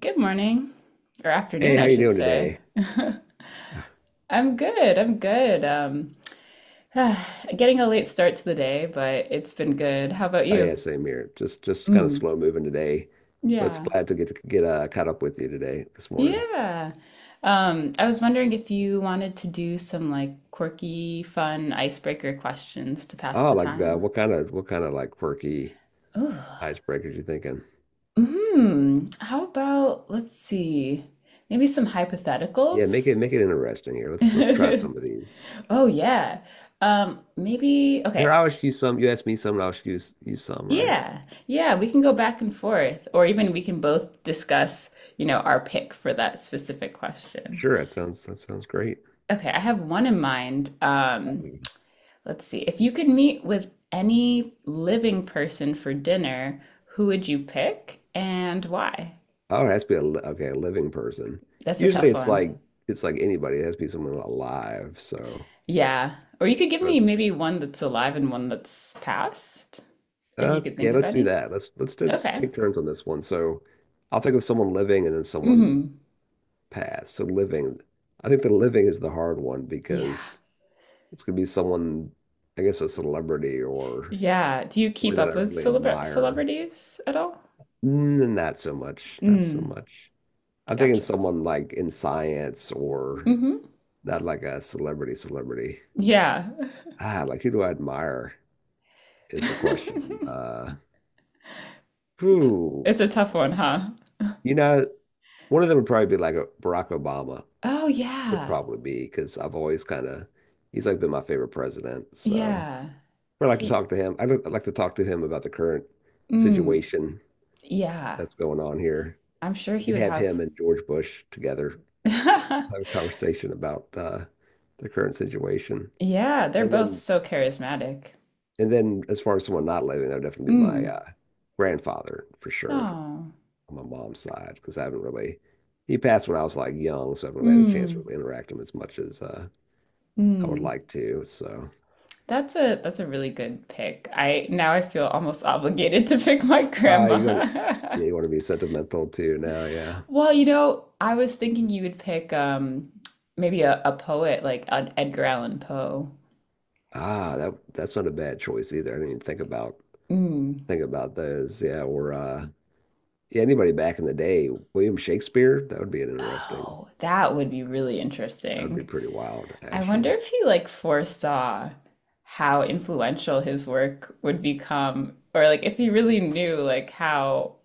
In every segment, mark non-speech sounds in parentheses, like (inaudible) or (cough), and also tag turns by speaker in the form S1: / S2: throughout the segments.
S1: Good morning, or
S2: Hey,
S1: afternoon,
S2: how
S1: I
S2: you
S1: should
S2: doing
S1: say.
S2: today?
S1: (laughs) I'm good. I'm good. (sighs) Getting a late start to the day, but it's been good. How about
S2: Oh yeah,
S1: you?
S2: same here. Just kind of
S1: Mm,
S2: slow moving today, but it's
S1: yeah.
S2: glad to get caught up with you today this morning.
S1: Yeah. I was wondering if you wanted to do some like quirky, fun icebreaker questions to pass
S2: Oh,
S1: the
S2: like
S1: time.
S2: what kind of like quirky
S1: Ooh.
S2: icebreakers you thinking?
S1: Hmm. How about, let's see, maybe some
S2: Yeah, make
S1: hypotheticals?
S2: it make it interesting here. Let's try some
S1: (laughs)
S2: of these.
S1: Oh yeah. Maybe
S2: Here,
S1: okay.
S2: I'll ask you some. You ask me some, and I'll ask you some. All right?
S1: Yeah, yeah, we can go back and forth, or even we can both discuss, our pick for that specific question.
S2: Sure. That sounds great.
S1: Okay, I have one in mind. Um,
S2: Um,
S1: let's see. If you could meet with any living person for dinner, who would you pick and why?
S2: Oh, it has to be okay, a living person.
S1: That's a
S2: Usually,
S1: tough
S2: it's
S1: one.
S2: like it's like anybody. It has to be someone alive. So
S1: Yeah. Or you could give me
S2: that's.
S1: maybe one that's alive and one that's past, if you could
S2: Yeah,
S1: think of
S2: let's do
S1: any.
S2: that. Let's
S1: Okay.
S2: take turns on this one. So, I'll think of someone living and then someone
S1: Hmm.
S2: past. So living, I think the living is the hard one
S1: Yeah.
S2: because it's gonna be someone, I guess, a celebrity or
S1: Yeah. Do you
S2: somebody
S1: keep
S2: that I
S1: up with
S2: really
S1: celebra
S2: admire.
S1: celebrities at all?
S2: Mm, not so much. Not so
S1: Mm,
S2: much. I'm thinking
S1: gotcha.
S2: someone like in science or
S1: Hmm.
S2: not like a celebrity.
S1: Yeah.
S2: Ah, like who do I admire is the
S1: (laughs)
S2: question. Who?
S1: It's a tough one, huh?
S2: You know, one of them would probably be like a Barack Obama.
S1: Oh,
S2: Would
S1: yeah.
S2: probably be because I've always kind of he's been my favorite president. So
S1: Yeah.
S2: I like to
S1: He,
S2: talk to him. I would like to talk to him about the current
S1: mm,
S2: situation
S1: yeah.
S2: that's going on here.
S1: I'm sure
S2: We
S1: he
S2: could
S1: would
S2: have
S1: have.
S2: him and George Bush together have a
S1: (laughs)
S2: conversation about the current situation.
S1: Yeah, they're
S2: And
S1: both
S2: then
S1: so charismatic.
S2: and then as far as someone not living, that would definitely be my
S1: Mm.
S2: grandfather for sure
S1: Oh.
S2: on my mom's side because I haven't really he passed when I was like young, so I haven't really had a chance to
S1: Mm.
S2: really interact with him as much as I would
S1: Mm.
S2: like to. So
S1: That's a really good pick. I Now I feel almost (laughs) obligated to pick my
S2: ah, you got to,
S1: grandma.
S2: yeah, you
S1: (laughs)
S2: want to be sentimental too now, yeah.
S1: Well, I was thinking you would pick maybe a poet like an Edgar Allan Poe.
S2: Ah, that that's not a bad choice either. I didn't even think about
S1: Mm.
S2: think about those. Yeah, or yeah, anybody back in the day, William Shakespeare, that would be an interesting.
S1: Oh, that would be really
S2: That would be
S1: interesting.
S2: pretty wild,
S1: I wonder
S2: actually.
S1: if he like foresaw how influential his work would become, or like if he really knew like how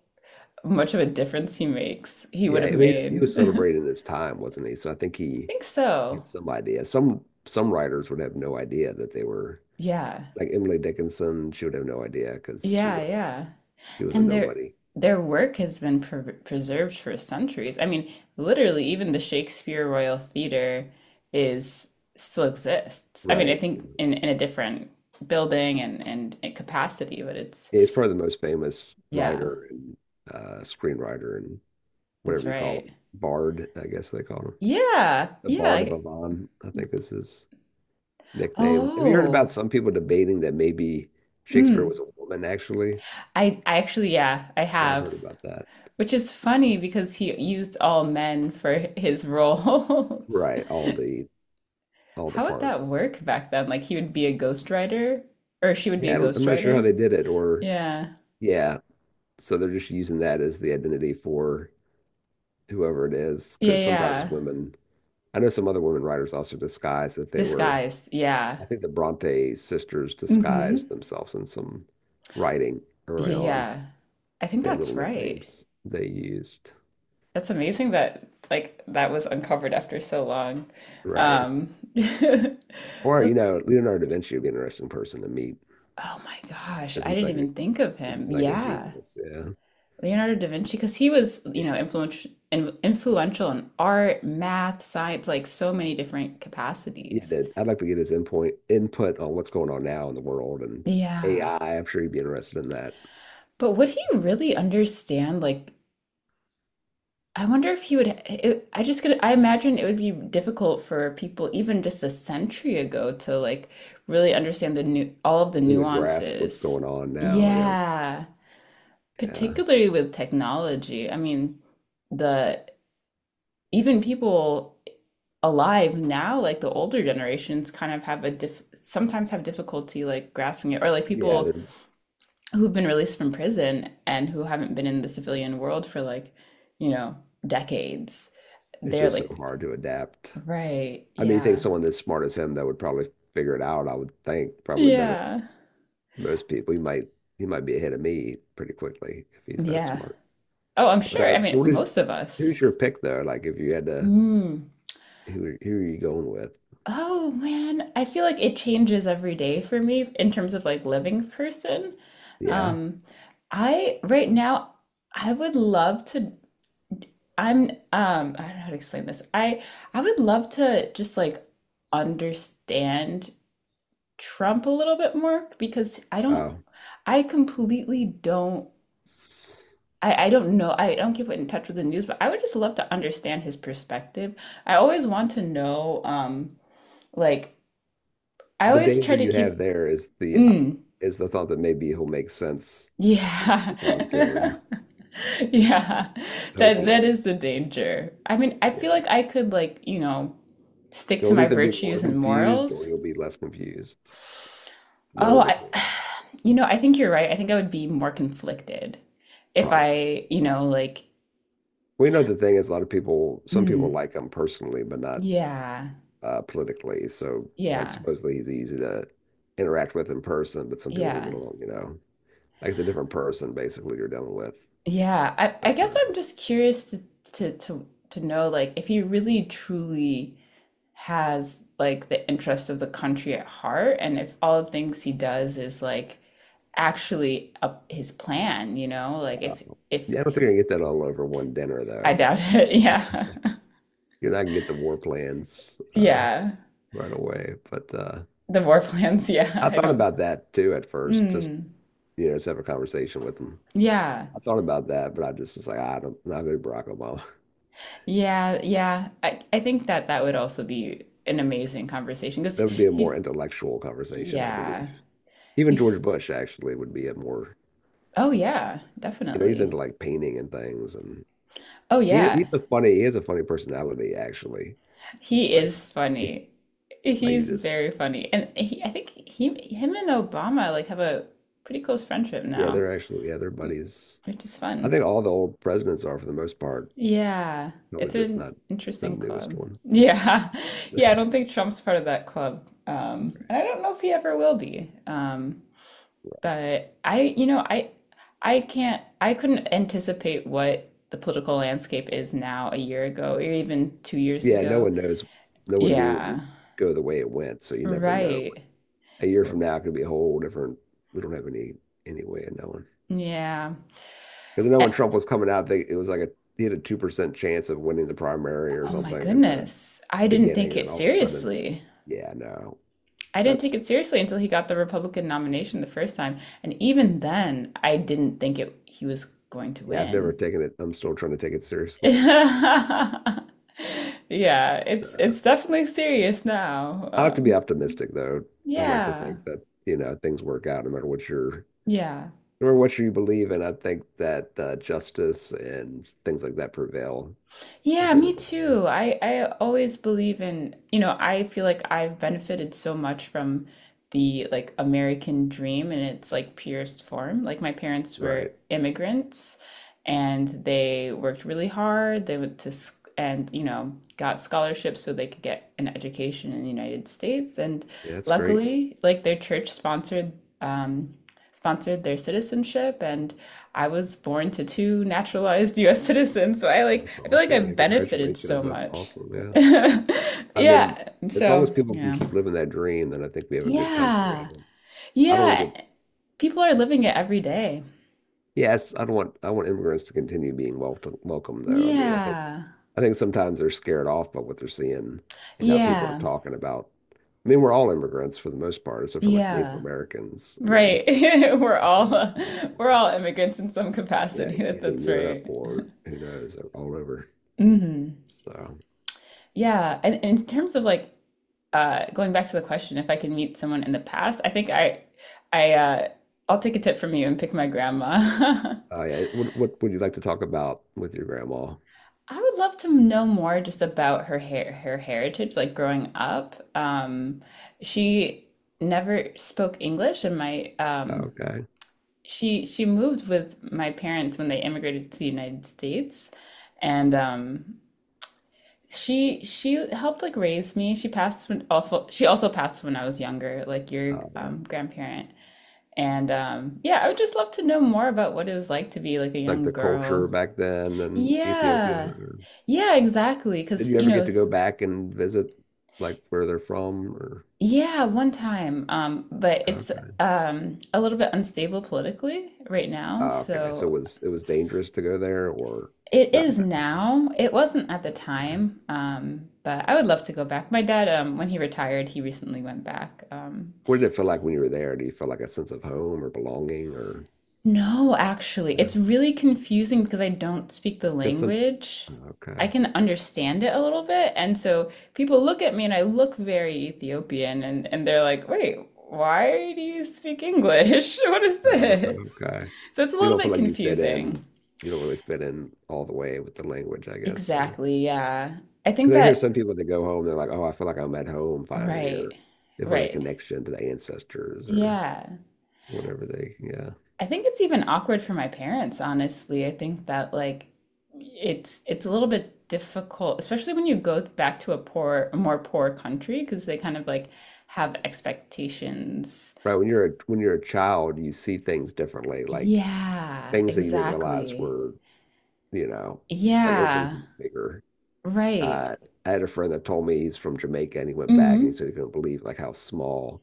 S1: much of a difference he makes, he would
S2: Yeah,
S1: have
S2: I mean, he
S1: made.
S2: was
S1: (laughs) I
S2: celebrating his time, wasn't he? So I think he
S1: think so.
S2: had some idea. Some writers would have no idea that they were
S1: Yeah.
S2: like Emily Dickinson. She would have no idea because
S1: Yeah, yeah.
S2: she was a
S1: And their
S2: nobody,
S1: their work has been preserved for centuries. I mean, literally, even the Shakespeare Royal Theatre is still exists. I mean, I
S2: right?
S1: think in a different building and capacity, but it's
S2: He's probably the most famous
S1: yeah,
S2: writer and screenwriter and whatever
S1: that's
S2: you call
S1: right.
S2: him. Bard, I guess they call him.
S1: Yeah,
S2: The
S1: yeah.
S2: Bard of Avon, I think is his nickname. Have you heard about
S1: Oh,
S2: some people debating that maybe Shakespeare
S1: mm.
S2: was a woman, actually?
S1: I actually, yeah, I
S2: Yeah, I've
S1: have,
S2: heard about that.
S1: which is funny because he used all men for his roles. (laughs)
S2: Right, all the
S1: How would that
S2: parts.
S1: work back then? Like he would be a ghostwriter or she would be
S2: Yeah,
S1: a
S2: I'm not sure how
S1: ghostwriter?
S2: they did it, or
S1: Yeah.
S2: yeah, so they're just using that as the identity for whoever it is,
S1: Yeah,
S2: because sometimes
S1: yeah.
S2: women, I know some other women writers also disguise that they were
S1: Disguised. Yeah.
S2: I think the Bronte sisters disguised
S1: Mm-hmm.
S2: themselves in some writing early
S1: Yeah,
S2: on.
S1: yeah. I think
S2: They had
S1: that's
S2: little
S1: right.
S2: nicknames they used.
S1: That's amazing that like that was uncovered after so long.
S2: Right.
S1: Um (laughs)
S2: Or, you
S1: Look-
S2: know, Leonardo da Vinci would be an interesting person to meet
S1: Oh my gosh,
S2: because
S1: I
S2: he's
S1: didn't
S2: like a
S1: even think of
S2: he's
S1: him.
S2: like a
S1: Yeah.
S2: genius. Yeah.
S1: Leonardo da Vinci, because he was, influential in art, math, science, like so many different
S2: Yeah,
S1: capacities.
S2: that- I'd like to get his input on what's going on now in the world and
S1: Yeah.
S2: AI. I'm sure he'd be interested in that.
S1: But would he really understand? Like, I wonder if he would. I just could. I imagine it would be difficult for people, even just a century ago, to like really understand the new all of the
S2: Really grasp what's
S1: nuances.
S2: going on now. Yeah.
S1: Yeah,
S2: Yeah.
S1: particularly with technology. I mean, the even people alive now, like the older generations, kind of have a diff sometimes have difficulty like grasping it, or like
S2: Yeah.
S1: people who've been released from prison and who haven't been in the civilian world for like, you know, decades.
S2: It's
S1: They're
S2: just so
S1: like,
S2: hard to adapt.
S1: right,
S2: I mean, you think
S1: yeah,
S2: someone as smart as him that would probably figure it out, I would think, probably better
S1: yeah,
S2: than most people. He might be ahead of me pretty quickly if he's that
S1: yeah.
S2: smart.
S1: Oh, I'm
S2: But
S1: sure. I
S2: so
S1: mean,
S2: what is
S1: most of us.
S2: who's your pick though? Like if you had to
S1: Mm.
S2: who are you going with?
S1: Oh man, I feel like it changes every day for me in terms of like living person.
S2: Yeah.
S1: Um, I Right now I would love to. I don't know how to explain this. I would love to just like understand Trump a little bit more because I don't,
S2: Oh.
S1: I completely don't,
S2: S-
S1: I don't know, I don't get in touch with the news, but I would just love to understand his perspective. I always want to know, like, I
S2: The
S1: always
S2: danger
S1: try to
S2: you
S1: keep.
S2: have there is the
S1: Mm,
S2: is the thought that maybe he'll make sense when you
S1: yeah.
S2: talk to
S1: (laughs)
S2: him.
S1: Yeah, that
S2: Hopefully.
S1: is the danger. I mean, I
S2: Yeah.
S1: feel like I could, like, stick to
S2: You'll
S1: my
S2: either be more
S1: virtues and
S2: confused or
S1: morals.
S2: you'll be less confused. No
S1: Oh,
S2: in between.
S1: (sighs) I think you're right. I think I would be more conflicted if
S2: Probably.
S1: I, like.
S2: We know the thing is a lot of people, some people
S1: Mm,
S2: like him personally, but not
S1: yeah,
S2: politically. So, like,
S1: yeah,
S2: supposedly he's easy to interact with in person, but some people don't get
S1: yeah,
S2: along, you know. Like, it's a different person, basically, you're dealing with.
S1: yeah. I,
S2: So
S1: I
S2: it's
S1: guess
S2: hard to,
S1: I'm just curious to, know like if he really truly has like the interest of the country at heart, and if all the things he does is like actually up his plan, like if.
S2: yeah, I don't think you're gonna get that all over one dinner,
S1: I
S2: though.
S1: doubt it, (laughs)
S2: That's,
S1: yeah,
S2: you're not gonna get the war plans
S1: yeah.
S2: right away. But
S1: The war plans, (laughs) yeah.
S2: I
S1: I
S2: thought
S1: don't.
S2: about that too at first, just,
S1: Mm,
S2: you know, just have a conversation with him.
S1: yeah,
S2: I thought about that, but I just was like, "Ah, I don't, not go to Barack Obama. (laughs)
S1: yeah, yeah, I think that that would also be an amazing conversation because.
S2: That would be a more intellectual conversation, I
S1: Yeah.
S2: believe. Even George
S1: He's,
S2: Bush actually would be a more,
S1: oh yeah,
S2: you know, he's
S1: definitely.
S2: into like painting and things, and
S1: Oh
S2: he
S1: yeah.
S2: he's a funny he has a funny personality actually.
S1: He
S2: Like,
S1: is
S2: he-
S1: funny.
S2: like you
S1: He's
S2: just
S1: very funny. And I think him and Obama like have a pretty close friendship
S2: yeah,
S1: now,
S2: they're actually yeah, they're buddies.
S1: which is
S2: I
S1: fun.
S2: think all the old presidents are for the most part.
S1: Yeah.
S2: Probably
S1: It's
S2: just
S1: an
S2: not the
S1: interesting
S2: newest
S1: club.
S2: one.
S1: Yeah. (laughs) Yeah, I don't think Trump's part of that club. And I don't know if he ever will be. But I, I can't, I couldn't anticipate what the political landscape is now a year ago or even 2 years
S2: Yeah, no
S1: ago.
S2: one knows. No one knew it
S1: Yeah.
S2: would go the way it went, so you never know.
S1: Right.
S2: A year
S1: R-
S2: from now, it could be a whole different. We don't have any way of knowing
S1: Yeah.
S2: because I know when
S1: A-
S2: Trump was coming out, they, it was like a he had a 2% chance of winning the primary or
S1: oh my
S2: something, and the
S1: goodness. I didn't
S2: beginning,
S1: take
S2: and
S1: it
S2: then all of a sudden,
S1: seriously.
S2: yeah, no,
S1: I didn't take
S2: that's
S1: it seriously until he got the Republican nomination the first time, and even then, I didn't think it he was going to
S2: yeah. I've never
S1: win.
S2: taken it. I'm still trying to take it seriously.
S1: (laughs) Yeah,
S2: (laughs) But,
S1: it's it's definitely serious now.
S2: I like to be optimistic, though. I like to
S1: Yeah.
S2: think that you know things work out no matter what you're,
S1: Yeah.
S2: no matter what you believe in. I think that justice and things like that prevail at
S1: Yeah,
S2: the end
S1: me
S2: of the day.
S1: too. I always believe in, I feel like I've benefited so much from the like American dream in its like purest form. Like my parents were
S2: Right?
S1: immigrants and they worked really hard. They went to sc and, got scholarships so they could get an education in the United States. And
S2: Yeah, that's great.
S1: luckily, like their church um sponsored their citizenship and I was born to two naturalized (laughs) US citizens, so I
S2: Oh,
S1: like
S2: that's
S1: I feel like
S2: awesome.
S1: I've
S2: Man.
S1: benefited so
S2: Congratulations. That's
S1: much.
S2: awesome. Yeah.
S1: (laughs)
S2: I mean,
S1: Yeah.
S2: as long
S1: So,
S2: as people can
S1: yeah.
S2: keep living that dream, then I think we have a good country. I
S1: Yeah.
S2: don't. I don't want to
S1: Yeah.
S2: get
S1: People are living it every day.
S2: yes, I don't want I want immigrants to continue being welcome, welcome though. I mean,
S1: Yeah.
S2: I think sometimes they're scared off by what they're seeing and how people are
S1: Yeah.
S2: talking about. I mean, we're all immigrants for the most part, except for like Native
S1: Yeah.
S2: Americans. I mean,
S1: Right. (laughs) We're
S2: most of
S1: all
S2: us
S1: uh,
S2: are,
S1: we're all immigrants in some
S2: yeah,
S1: capacity. (laughs) That
S2: either
S1: that's
S2: Europe
S1: right.
S2: or who knows, all over.
S1: Mhm.
S2: So,
S1: Yeah. And in terms of like going back to the question, if I could meet someone in the past, I think I, uh, I'll take a tip from you and pick my grandma. (laughs)
S2: yeah, what would you like to talk about with your grandma?
S1: I would love to know more just about her heritage, like growing up. She never spoke English, and my
S2: Okay,
S1: she moved with my parents when they immigrated to the United States, and she helped like raise me. She passed when awful. She also passed when I was younger, like your
S2: yeah,
S1: grandparent. And yeah, I would just love to know more about what it was like to be like a
S2: like
S1: young
S2: the culture
S1: girl.
S2: back then in Ethiopia.
S1: Yeah.
S2: Or,
S1: Yeah, exactly.
S2: did
S1: Because,
S2: you ever get to go back and visit like where they're from or?
S1: yeah, one time, but it's
S2: Okay.
S1: a little bit unstable politically right now.
S2: Ah, okay. So
S1: So
S2: it was dangerous to go there or
S1: it
S2: not at
S1: is
S2: that time.
S1: now. It wasn't at the
S2: Okay.
S1: time. But I would love to go back. My dad, when he retired, he recently went back.
S2: What did it feel like when you were there? Do you feel like a sense of home or belonging or
S1: No, actually,
S2: yeah?
S1: it's really confusing because I don't speak the
S2: Because some
S1: language.
S2: okay.
S1: I can understand it a little bit, and so people look at me and I look very Ethiopian and they're like, "Wait, why do you speak English? (laughs) What is
S2: Oh,
S1: this?"
S2: okay.
S1: So it's a
S2: So you
S1: little
S2: don't feel
S1: bit
S2: like you fit in.
S1: confusing.
S2: You don't really fit in all the way with the language, I guess, or
S1: Exactly, yeah. I think
S2: because I hear some
S1: that
S2: people that go home, they're like, "Oh, I feel like I'm at home finally,"
S1: right.
S2: or they feel that
S1: Right.
S2: connection to the ancestors or
S1: Yeah.
S2: whatever they, yeah.
S1: I think it's even awkward for my parents, honestly. I think that like it's a little bit difficult, especially when you go back to a more poor country, because they kind of like have expectations.
S2: Right. When you're a child, you see things differently, like
S1: Yeah,
S2: things that you didn't realize
S1: exactly.
S2: were you know, like everything's
S1: Yeah,
S2: bigger.
S1: right.
S2: Uh, I had a friend that told me he's from Jamaica and he went back and he
S1: Mm-hmm.
S2: said he couldn't believe like how small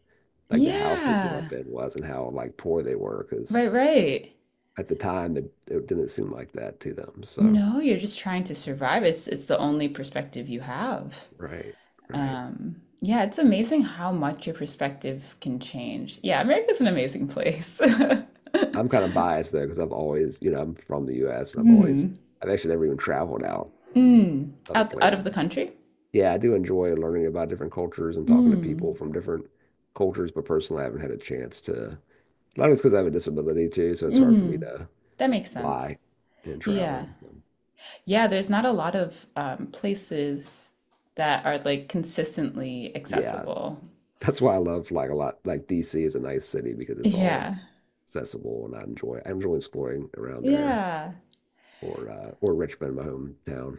S2: like the house he grew
S1: Yeah,
S2: up in was and how like poor they were
S1: right,
S2: because
S1: right.
S2: at the time it didn't seem like that to them. So,
S1: No, you're just trying to survive. It's the only perspective you have.
S2: right, right.
S1: Yeah, it's amazing how much your perspective can change. Yeah, America's an amazing place. (laughs)
S2: I'm kind of biased though because I've always, you know, I'm from the US and I've always,
S1: Mm.
S2: I've actually never even traveled out
S1: Mm.
S2: other
S1: Out of the
S2: places.
S1: country?
S2: Yeah, I do enjoy learning about different cultures and talking to
S1: Mm.
S2: people from different cultures, but personally, I haven't had a chance to. Long as because I have a disability too, so it's hard for me
S1: Mm.
S2: to
S1: That makes
S2: fly
S1: sense.
S2: and
S1: Yeah.
S2: travel. So,
S1: Yeah, there's not a lot of places that are like consistently
S2: yeah,
S1: accessible.
S2: that's why I love like a lot. Like DC is a nice city because it's all
S1: Yeah.
S2: accessible, and I enjoy exploring around there
S1: Yeah.
S2: or Richmond, my hometown.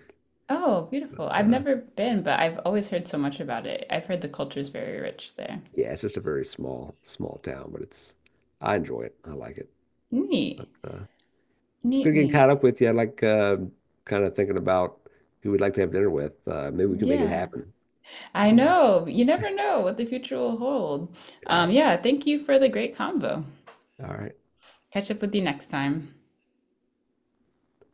S1: Oh, beautiful.
S2: But
S1: I've never been, but I've always heard so much about it. I've heard the culture is very rich there.
S2: yeah, it's just a very small town, but it's I enjoy it. I like it.
S1: Neat.
S2: But it's
S1: Neat,
S2: good getting
S1: neat.
S2: caught up with you. I like kind of thinking about who we'd like to have dinner with. Maybe we can make it
S1: Yeah.
S2: happen. I
S1: I
S2: don't know.
S1: know. You never know what the future will hold. Um,
S2: Yeah.
S1: yeah, thank you for the great convo.
S2: All right.
S1: Catch up with you next time.